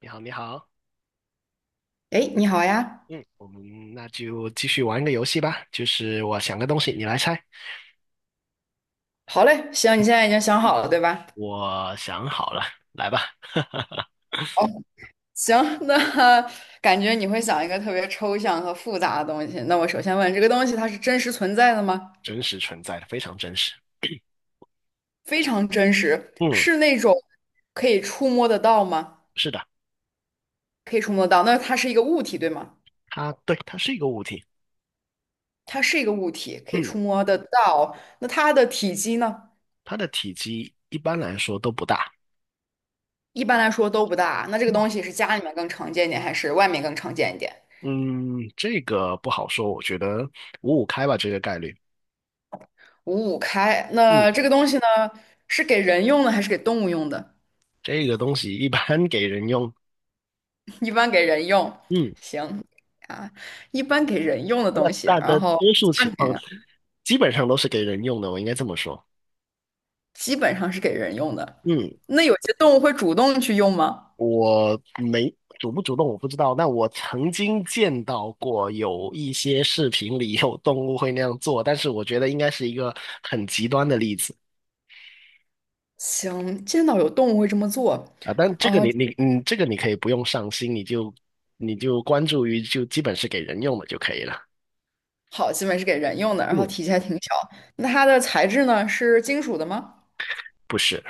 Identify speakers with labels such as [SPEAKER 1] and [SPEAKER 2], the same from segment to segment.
[SPEAKER 1] 你好，你好。
[SPEAKER 2] 哎，诶你好呀。
[SPEAKER 1] 嗯，我们那就继续玩个游戏吧，就是我想个东西，你来猜。
[SPEAKER 2] 好嘞，行，你现在已经想好了，对吧？
[SPEAKER 1] 我想好了，来吧。
[SPEAKER 2] 好，行，那 感觉你会想一个特别抽象和复杂的东西。那我首先问，这个东西它是真实存在的吗？
[SPEAKER 1] 真实存在的，非常真实。
[SPEAKER 2] 非常真实，
[SPEAKER 1] 嗯，
[SPEAKER 2] 是那种可以触摸得到吗？
[SPEAKER 1] 是的。
[SPEAKER 2] 可以触摸得到。那它是一个物体，对吗？
[SPEAKER 1] 它对，它是一个物体。
[SPEAKER 2] 它是一个物体，可以
[SPEAKER 1] 嗯，
[SPEAKER 2] 触摸得到。那它的体积呢？
[SPEAKER 1] 它的体积一般来说都不大。
[SPEAKER 2] 一般来说都不大。那这个东西是家里面更常见一点，还是外面更常见一点？
[SPEAKER 1] 嗯，这个不好说，我觉得五五开吧，这个概率。
[SPEAKER 2] 五五开。
[SPEAKER 1] 嗯，
[SPEAKER 2] 那这个东西呢，是给人用的还是给动物用的？
[SPEAKER 1] 这个东西一般给人用。
[SPEAKER 2] 一般给人用，
[SPEAKER 1] 嗯，
[SPEAKER 2] 行啊，一般给人用的
[SPEAKER 1] 那
[SPEAKER 2] 东西，
[SPEAKER 1] 大
[SPEAKER 2] 然
[SPEAKER 1] 的
[SPEAKER 2] 后
[SPEAKER 1] 多数
[SPEAKER 2] 家里
[SPEAKER 1] 情况
[SPEAKER 2] 面
[SPEAKER 1] 基本上都是给人用的，我应该这么说。
[SPEAKER 2] 基本上是给人用的。
[SPEAKER 1] 嗯。
[SPEAKER 2] 那有些动物会主动去用吗？
[SPEAKER 1] 我没主不主动我不知道，但我曾经见到过有一些视频里有动物会那样做，但是我觉得应该是一个很极端的例子
[SPEAKER 2] 行，见到有动物会这么做。
[SPEAKER 1] 啊。但这个
[SPEAKER 2] 啊，
[SPEAKER 1] 你你嗯，这个你可以不用上心，你就关注于就基本是给人用的就可以了。
[SPEAKER 2] 好，基本是给人用的，然后
[SPEAKER 1] 嗯，
[SPEAKER 2] 体积还挺小。那它的材质呢？是金属的吗？
[SPEAKER 1] 不是。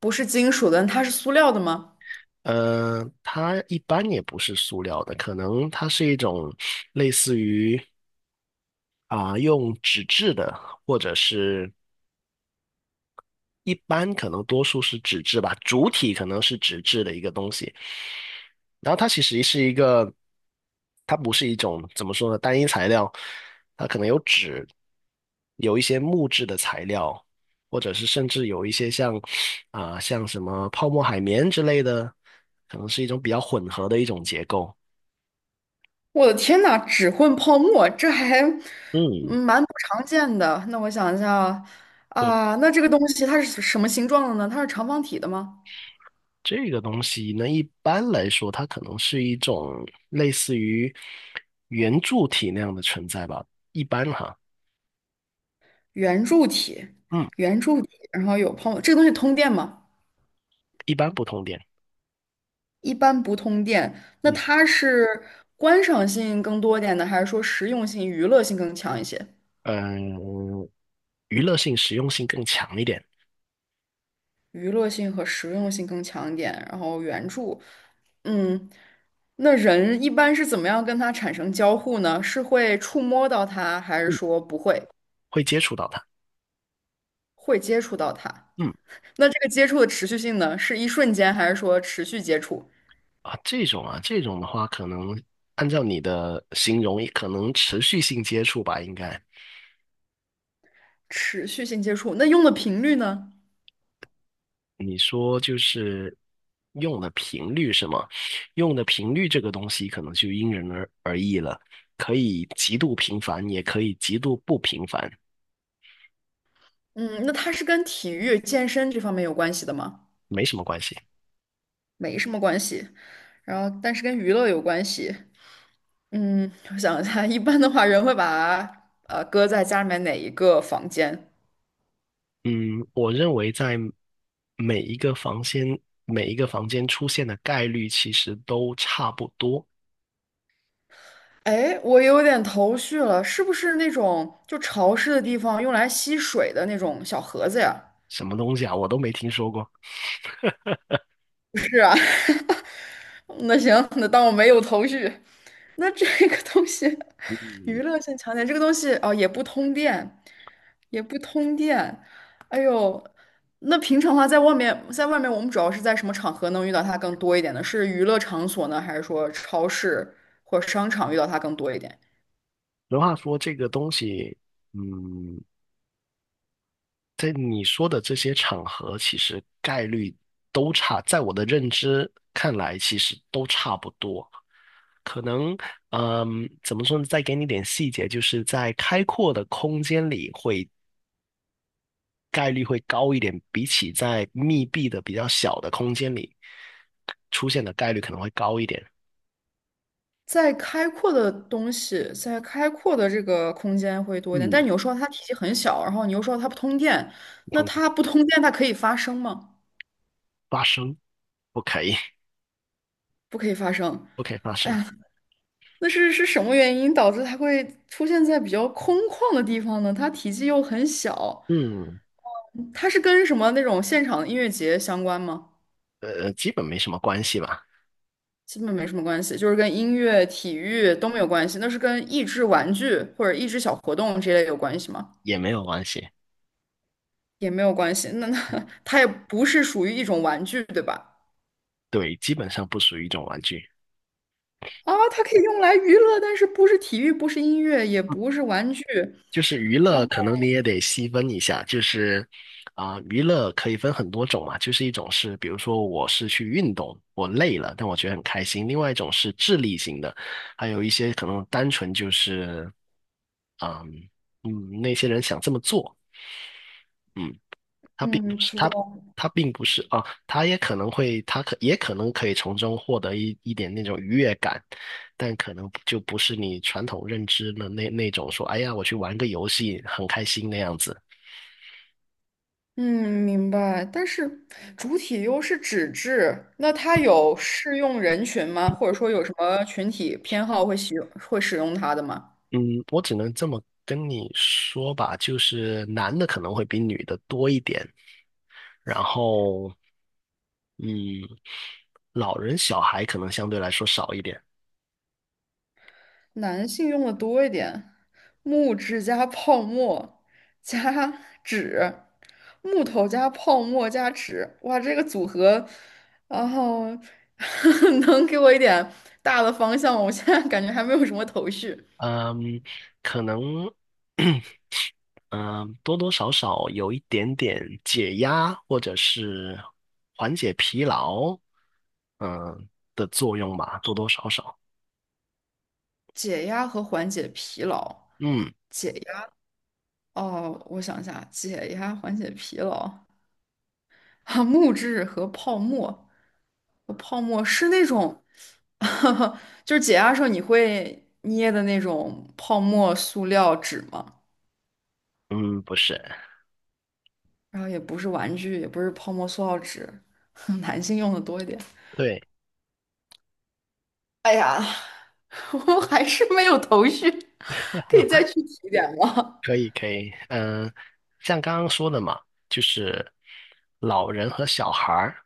[SPEAKER 2] 不是金属的，它是塑料的吗？
[SPEAKER 1] 它一般也不是塑料的，可能它是一种类似于用纸质的，或者是一般可能多数是纸质吧，主体可能是纸质的一个东西。然后它不是一种怎么说呢，单一材料，它可能有纸，有一些木质的材料，或者是甚至有一些像像什么泡沫海绵之类的，可能是一种比较混合的一种结构。
[SPEAKER 2] 我的天呐，只混泡沫，这还
[SPEAKER 1] 嗯，
[SPEAKER 2] 蛮不常见的。那我想一下啊，
[SPEAKER 1] 对，
[SPEAKER 2] 啊那这个东西它是什么形状的呢？它是长方体的吗？
[SPEAKER 1] 这个东西呢，一般来说，它可能是一种类似于圆柱体那样的存在吧，一般哈。
[SPEAKER 2] 圆柱体，
[SPEAKER 1] 嗯，
[SPEAKER 2] 圆柱体，然后有泡沫，这个东西通电吗？
[SPEAKER 1] 一般不通电。
[SPEAKER 2] 一般不通电。那
[SPEAKER 1] 嗯
[SPEAKER 2] 它是观赏性更多一点呢，还是说实用性、娱乐性更强一些？
[SPEAKER 1] 嗯，娱乐性、实用性更强一点。
[SPEAKER 2] 娱乐性和实用性更强一点。然后圆柱，嗯，那人一般是怎么样跟它产生交互呢？是会触摸到它，还是
[SPEAKER 1] 嗯，
[SPEAKER 2] 说不会，
[SPEAKER 1] 会接触到它。
[SPEAKER 2] 会接触到它？
[SPEAKER 1] 嗯
[SPEAKER 2] 那这个接触的持续性呢，是一瞬间，还是说持续接触？
[SPEAKER 1] 这种的话，可能按照你的形容，可能持续性接触吧，应该
[SPEAKER 2] 持续性接触，那用的频率呢？
[SPEAKER 1] 你说就是用的频率是吗？用的频率这个东西，可能就因人而异了，可以极度频繁，也可以极度不频繁，
[SPEAKER 2] 嗯，那它是跟体育、健身这方面有关系的吗？
[SPEAKER 1] 没什么关系。
[SPEAKER 2] 没什么关系，然后但是跟娱乐有关系。嗯，我想一下，一般的话，人会把搁在家里面哪一个房间？
[SPEAKER 1] 嗯，我认为在每一个房间每一个房间出现的概率其实都差不多。
[SPEAKER 2] 哎，我有点头绪了，是不是那种就潮湿的地方用来吸水的那种小盒子呀？
[SPEAKER 1] 什么东西啊，我都没听说过。
[SPEAKER 2] 不是啊，那行，那当我没有头绪。那这个东西，
[SPEAKER 1] 嗯，
[SPEAKER 2] 娱乐性强点，这个东西哦也不通电，也不通电。哎呦，那平常的话，在外面，在外面我们主要是在什么场合能遇到它更多一点呢？是娱乐场所呢，还是说超市或者商场遇到它更多一点？
[SPEAKER 1] 俗话说，这个东西。嗯，在你说的这些场合，其实概率都差，在我的认知看来，其实都差不多。可能，怎么说呢？再给你点细节，就是在开阔的空间里概率会高一点，比起在密闭的比较小的空间里出现的概率可能会高一点。
[SPEAKER 2] 在开阔的东西，在开阔的这个空间会多一点，但
[SPEAKER 1] 嗯，
[SPEAKER 2] 你又说它体积很小，然后你又说它不通电，那
[SPEAKER 1] 同
[SPEAKER 2] 它不通电，它可以发声吗？
[SPEAKER 1] 发生不可以，
[SPEAKER 2] 不可以发生。
[SPEAKER 1] 不可以发
[SPEAKER 2] 哎
[SPEAKER 1] 生。
[SPEAKER 2] 呀，那是什么原因导致它会出现在比较空旷的地方呢？它体积又很小，
[SPEAKER 1] 嗯，
[SPEAKER 2] 它是跟什么那种现场音乐节相关吗？
[SPEAKER 1] 基本没什么关系吧，
[SPEAKER 2] 基本没什么关系，就是跟音乐、体育都没有关系。那是跟益智玩具或者益智小活动这类有关系吗？
[SPEAKER 1] 也没有关系。
[SPEAKER 2] 也没有关系。那 它也不是属于一种玩具，对吧？
[SPEAKER 1] 对，基本上不属于一种玩具。
[SPEAKER 2] 啊，它可以用来娱乐，但是不是体育，不是音乐，也
[SPEAKER 1] 嗯，
[SPEAKER 2] 不是玩具。
[SPEAKER 1] 就是娱
[SPEAKER 2] 然
[SPEAKER 1] 乐，可
[SPEAKER 2] 后，
[SPEAKER 1] 能你也得细分一下，就是娱乐可以分很多种嘛，就是一种是，比如说我是去运动，我累了，但我觉得很开心；另外一种是智力型的，还有一些可能单纯就是，嗯嗯，那些人想这么做。嗯，他并
[SPEAKER 2] 嗯，
[SPEAKER 1] 不是
[SPEAKER 2] 知
[SPEAKER 1] 他，
[SPEAKER 2] 道。
[SPEAKER 1] 他并不是啊，他也可能可以从中获得一点那种愉悦感，但可能就不是你传统认知的那种说，哎呀，我去玩个游戏很开心那样子。
[SPEAKER 2] 嗯，明白。但是主体又是纸质，那它有适用人群吗？或者说有什么群体偏好会使用它的吗？
[SPEAKER 1] 嗯，我只能这么跟你说吧，就是男的可能会比女的多一点，然后，嗯，老人小孩可能相对来说少一点。
[SPEAKER 2] 男性用的多一点，木质加泡沫加纸，木头加泡沫加纸，哇，这个组合，然后 能给我一点大的方向吗？我现在感觉还没有什么头绪。
[SPEAKER 1] 嗯，可能。嗯，多多少少有一点点解压或者是缓解疲劳嗯的作用吧，多多少少。
[SPEAKER 2] 解压和缓解疲劳。
[SPEAKER 1] 嗯
[SPEAKER 2] 解压。哦，我想一下，解压缓解疲劳啊，木质和泡沫，我泡沫是那种，就是解压的时候你会捏的那种泡沫塑料纸吗？
[SPEAKER 1] 嗯，不是，
[SPEAKER 2] 然后也不是玩具，也不是泡沫塑料纸，男性用的多一点。
[SPEAKER 1] 对。
[SPEAKER 2] 哎呀，我还是没有头绪，可以再具体一点吗？
[SPEAKER 1] 可以可以，像刚刚说的嘛，就是老人和小孩儿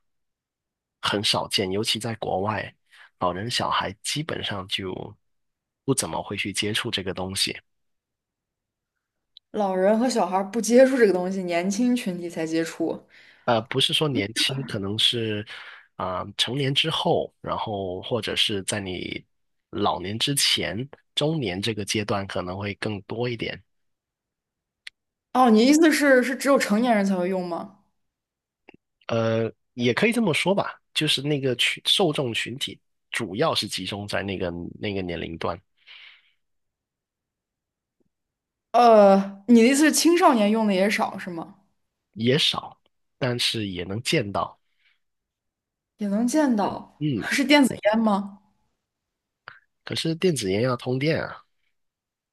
[SPEAKER 1] 很少见，尤其在国外，老人小孩基本上就不怎么会去接触这个东西。
[SPEAKER 2] 老人和小孩儿不接触这个东西，年轻群体才接触。
[SPEAKER 1] 不是说年轻，可能是成年之后，然后或者是在你老年之前，中年这个阶段可能会更多一点。
[SPEAKER 2] 哦，你意思是只有成年人才会用吗？
[SPEAKER 1] 也可以这么说吧，就是那个群受众群体主要是集中在那个年龄段，
[SPEAKER 2] 呃，你的意思是青少年用的也少是吗？
[SPEAKER 1] 也少，但是也能见到。
[SPEAKER 2] 也能见到，
[SPEAKER 1] 嗯，
[SPEAKER 2] 是电子烟吗？
[SPEAKER 1] 可是电子烟要通电啊。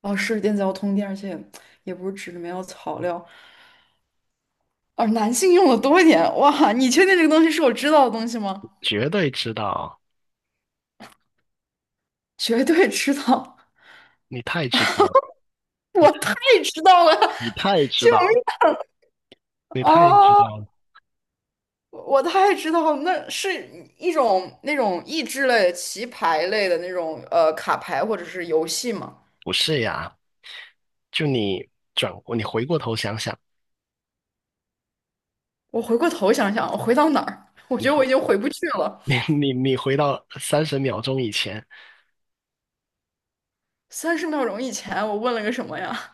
[SPEAKER 2] 哦，是电子药通电，而且也不是纸里面有草料。而男性用的多一点。哇，你确定这个东西是我知道的东西吗？
[SPEAKER 1] 绝对知道，
[SPEAKER 2] 绝对知道，
[SPEAKER 1] 你太知道了，你
[SPEAKER 2] 我太知道了，
[SPEAKER 1] 你太知
[SPEAKER 2] 救
[SPEAKER 1] 道了，
[SPEAKER 2] 命
[SPEAKER 1] 你太知
[SPEAKER 2] 啊！
[SPEAKER 1] 道
[SPEAKER 2] 哦
[SPEAKER 1] 了。
[SPEAKER 2] 我太知道了，那是一种那种益智类、棋牌类的那种卡牌或者是游戏吗？
[SPEAKER 1] 不是呀。就你转过，你回过头想想。
[SPEAKER 2] 我回过头想想，我回到哪儿？我
[SPEAKER 1] 你
[SPEAKER 2] 觉得我
[SPEAKER 1] 回
[SPEAKER 2] 已经回不去了。
[SPEAKER 1] 你你回到30秒钟以前，
[SPEAKER 2] 30秒钟以前我问了个什么呀？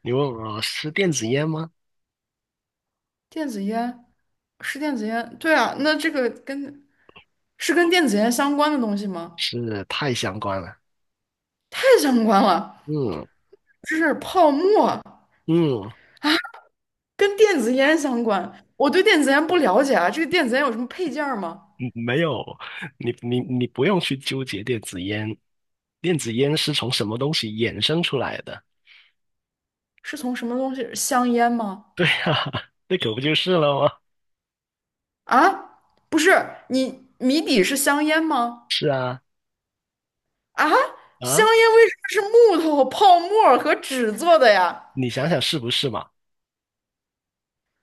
[SPEAKER 1] 你问我是电子烟吗？
[SPEAKER 2] 电子烟是电子烟，对啊，那这个是跟电子烟相关的东西吗？
[SPEAKER 1] 是太相关了。
[SPEAKER 2] 太相关了，
[SPEAKER 1] 嗯
[SPEAKER 2] 这是泡沫，
[SPEAKER 1] 嗯，嗯，
[SPEAKER 2] 跟电子烟相关。我对电子烟不了解啊，这个电子烟有什么配件儿吗？
[SPEAKER 1] 没有。你不用去纠结电子烟，电子烟是从什么东西衍生出来的？
[SPEAKER 2] 是从什么东西？香烟吗？
[SPEAKER 1] 哈哈那可不就是了吗？
[SPEAKER 2] 啊，不是，你谜底是香烟吗？
[SPEAKER 1] 是啊。
[SPEAKER 2] 啊，香
[SPEAKER 1] 啊，
[SPEAKER 2] 烟为什么是木头、泡沫和纸做的呀？
[SPEAKER 1] 你想想是不是嘛？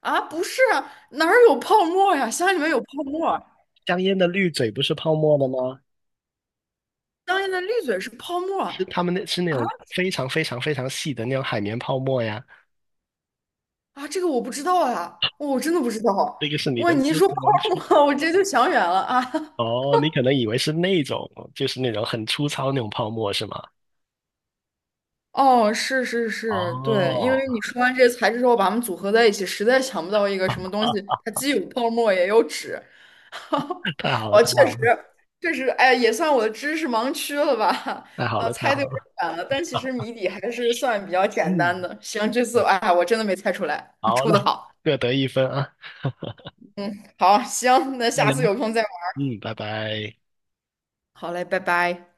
[SPEAKER 2] 啊，不是啊哪儿有泡沫呀？香里面有泡沫。
[SPEAKER 1] 香烟的滤嘴不是泡沫的吗？
[SPEAKER 2] 香烟的滤嘴是泡沫
[SPEAKER 1] 是
[SPEAKER 2] 啊
[SPEAKER 1] 他们那是那种非常非常非常细的那种海绵泡沫呀。
[SPEAKER 2] 啊，这个我不知道啊，我真的不知道。
[SPEAKER 1] 这个是你
[SPEAKER 2] 哇，
[SPEAKER 1] 的
[SPEAKER 2] 你一
[SPEAKER 1] 知
[SPEAKER 2] 说
[SPEAKER 1] 识
[SPEAKER 2] 泡
[SPEAKER 1] 盲区。
[SPEAKER 2] 沫，我直接就想远了啊。
[SPEAKER 1] 哦，你可能以为是那种，就是那种很粗糙那种泡沫是吗？
[SPEAKER 2] 哦，是是是，对，因
[SPEAKER 1] 哦，
[SPEAKER 2] 为你说 完这些材质之后，把它们组合在一起，实在想不到一个
[SPEAKER 1] 啊
[SPEAKER 2] 什么东西，
[SPEAKER 1] 啊
[SPEAKER 2] 它既有泡沫也有纸。
[SPEAKER 1] 太好了，
[SPEAKER 2] 我
[SPEAKER 1] 太
[SPEAKER 2] 确
[SPEAKER 1] 好
[SPEAKER 2] 实，
[SPEAKER 1] 了，
[SPEAKER 2] 确实，哎，也算我的知识盲区了吧？
[SPEAKER 1] 太好了，太
[SPEAKER 2] 猜的
[SPEAKER 1] 好
[SPEAKER 2] 有点
[SPEAKER 1] 了。
[SPEAKER 2] 远了，但其实谜底还是算比较简
[SPEAKER 1] 嗯，
[SPEAKER 2] 单的。行，这次哎，我真的没猜出来，
[SPEAKER 1] 好
[SPEAKER 2] 出的
[SPEAKER 1] 嘞，
[SPEAKER 2] 好。
[SPEAKER 1] 各得一分啊。
[SPEAKER 2] 好，行，那
[SPEAKER 1] 再
[SPEAKER 2] 下次
[SPEAKER 1] 聊。
[SPEAKER 2] 有空再。
[SPEAKER 1] 拜拜。
[SPEAKER 2] 好嘞，拜拜。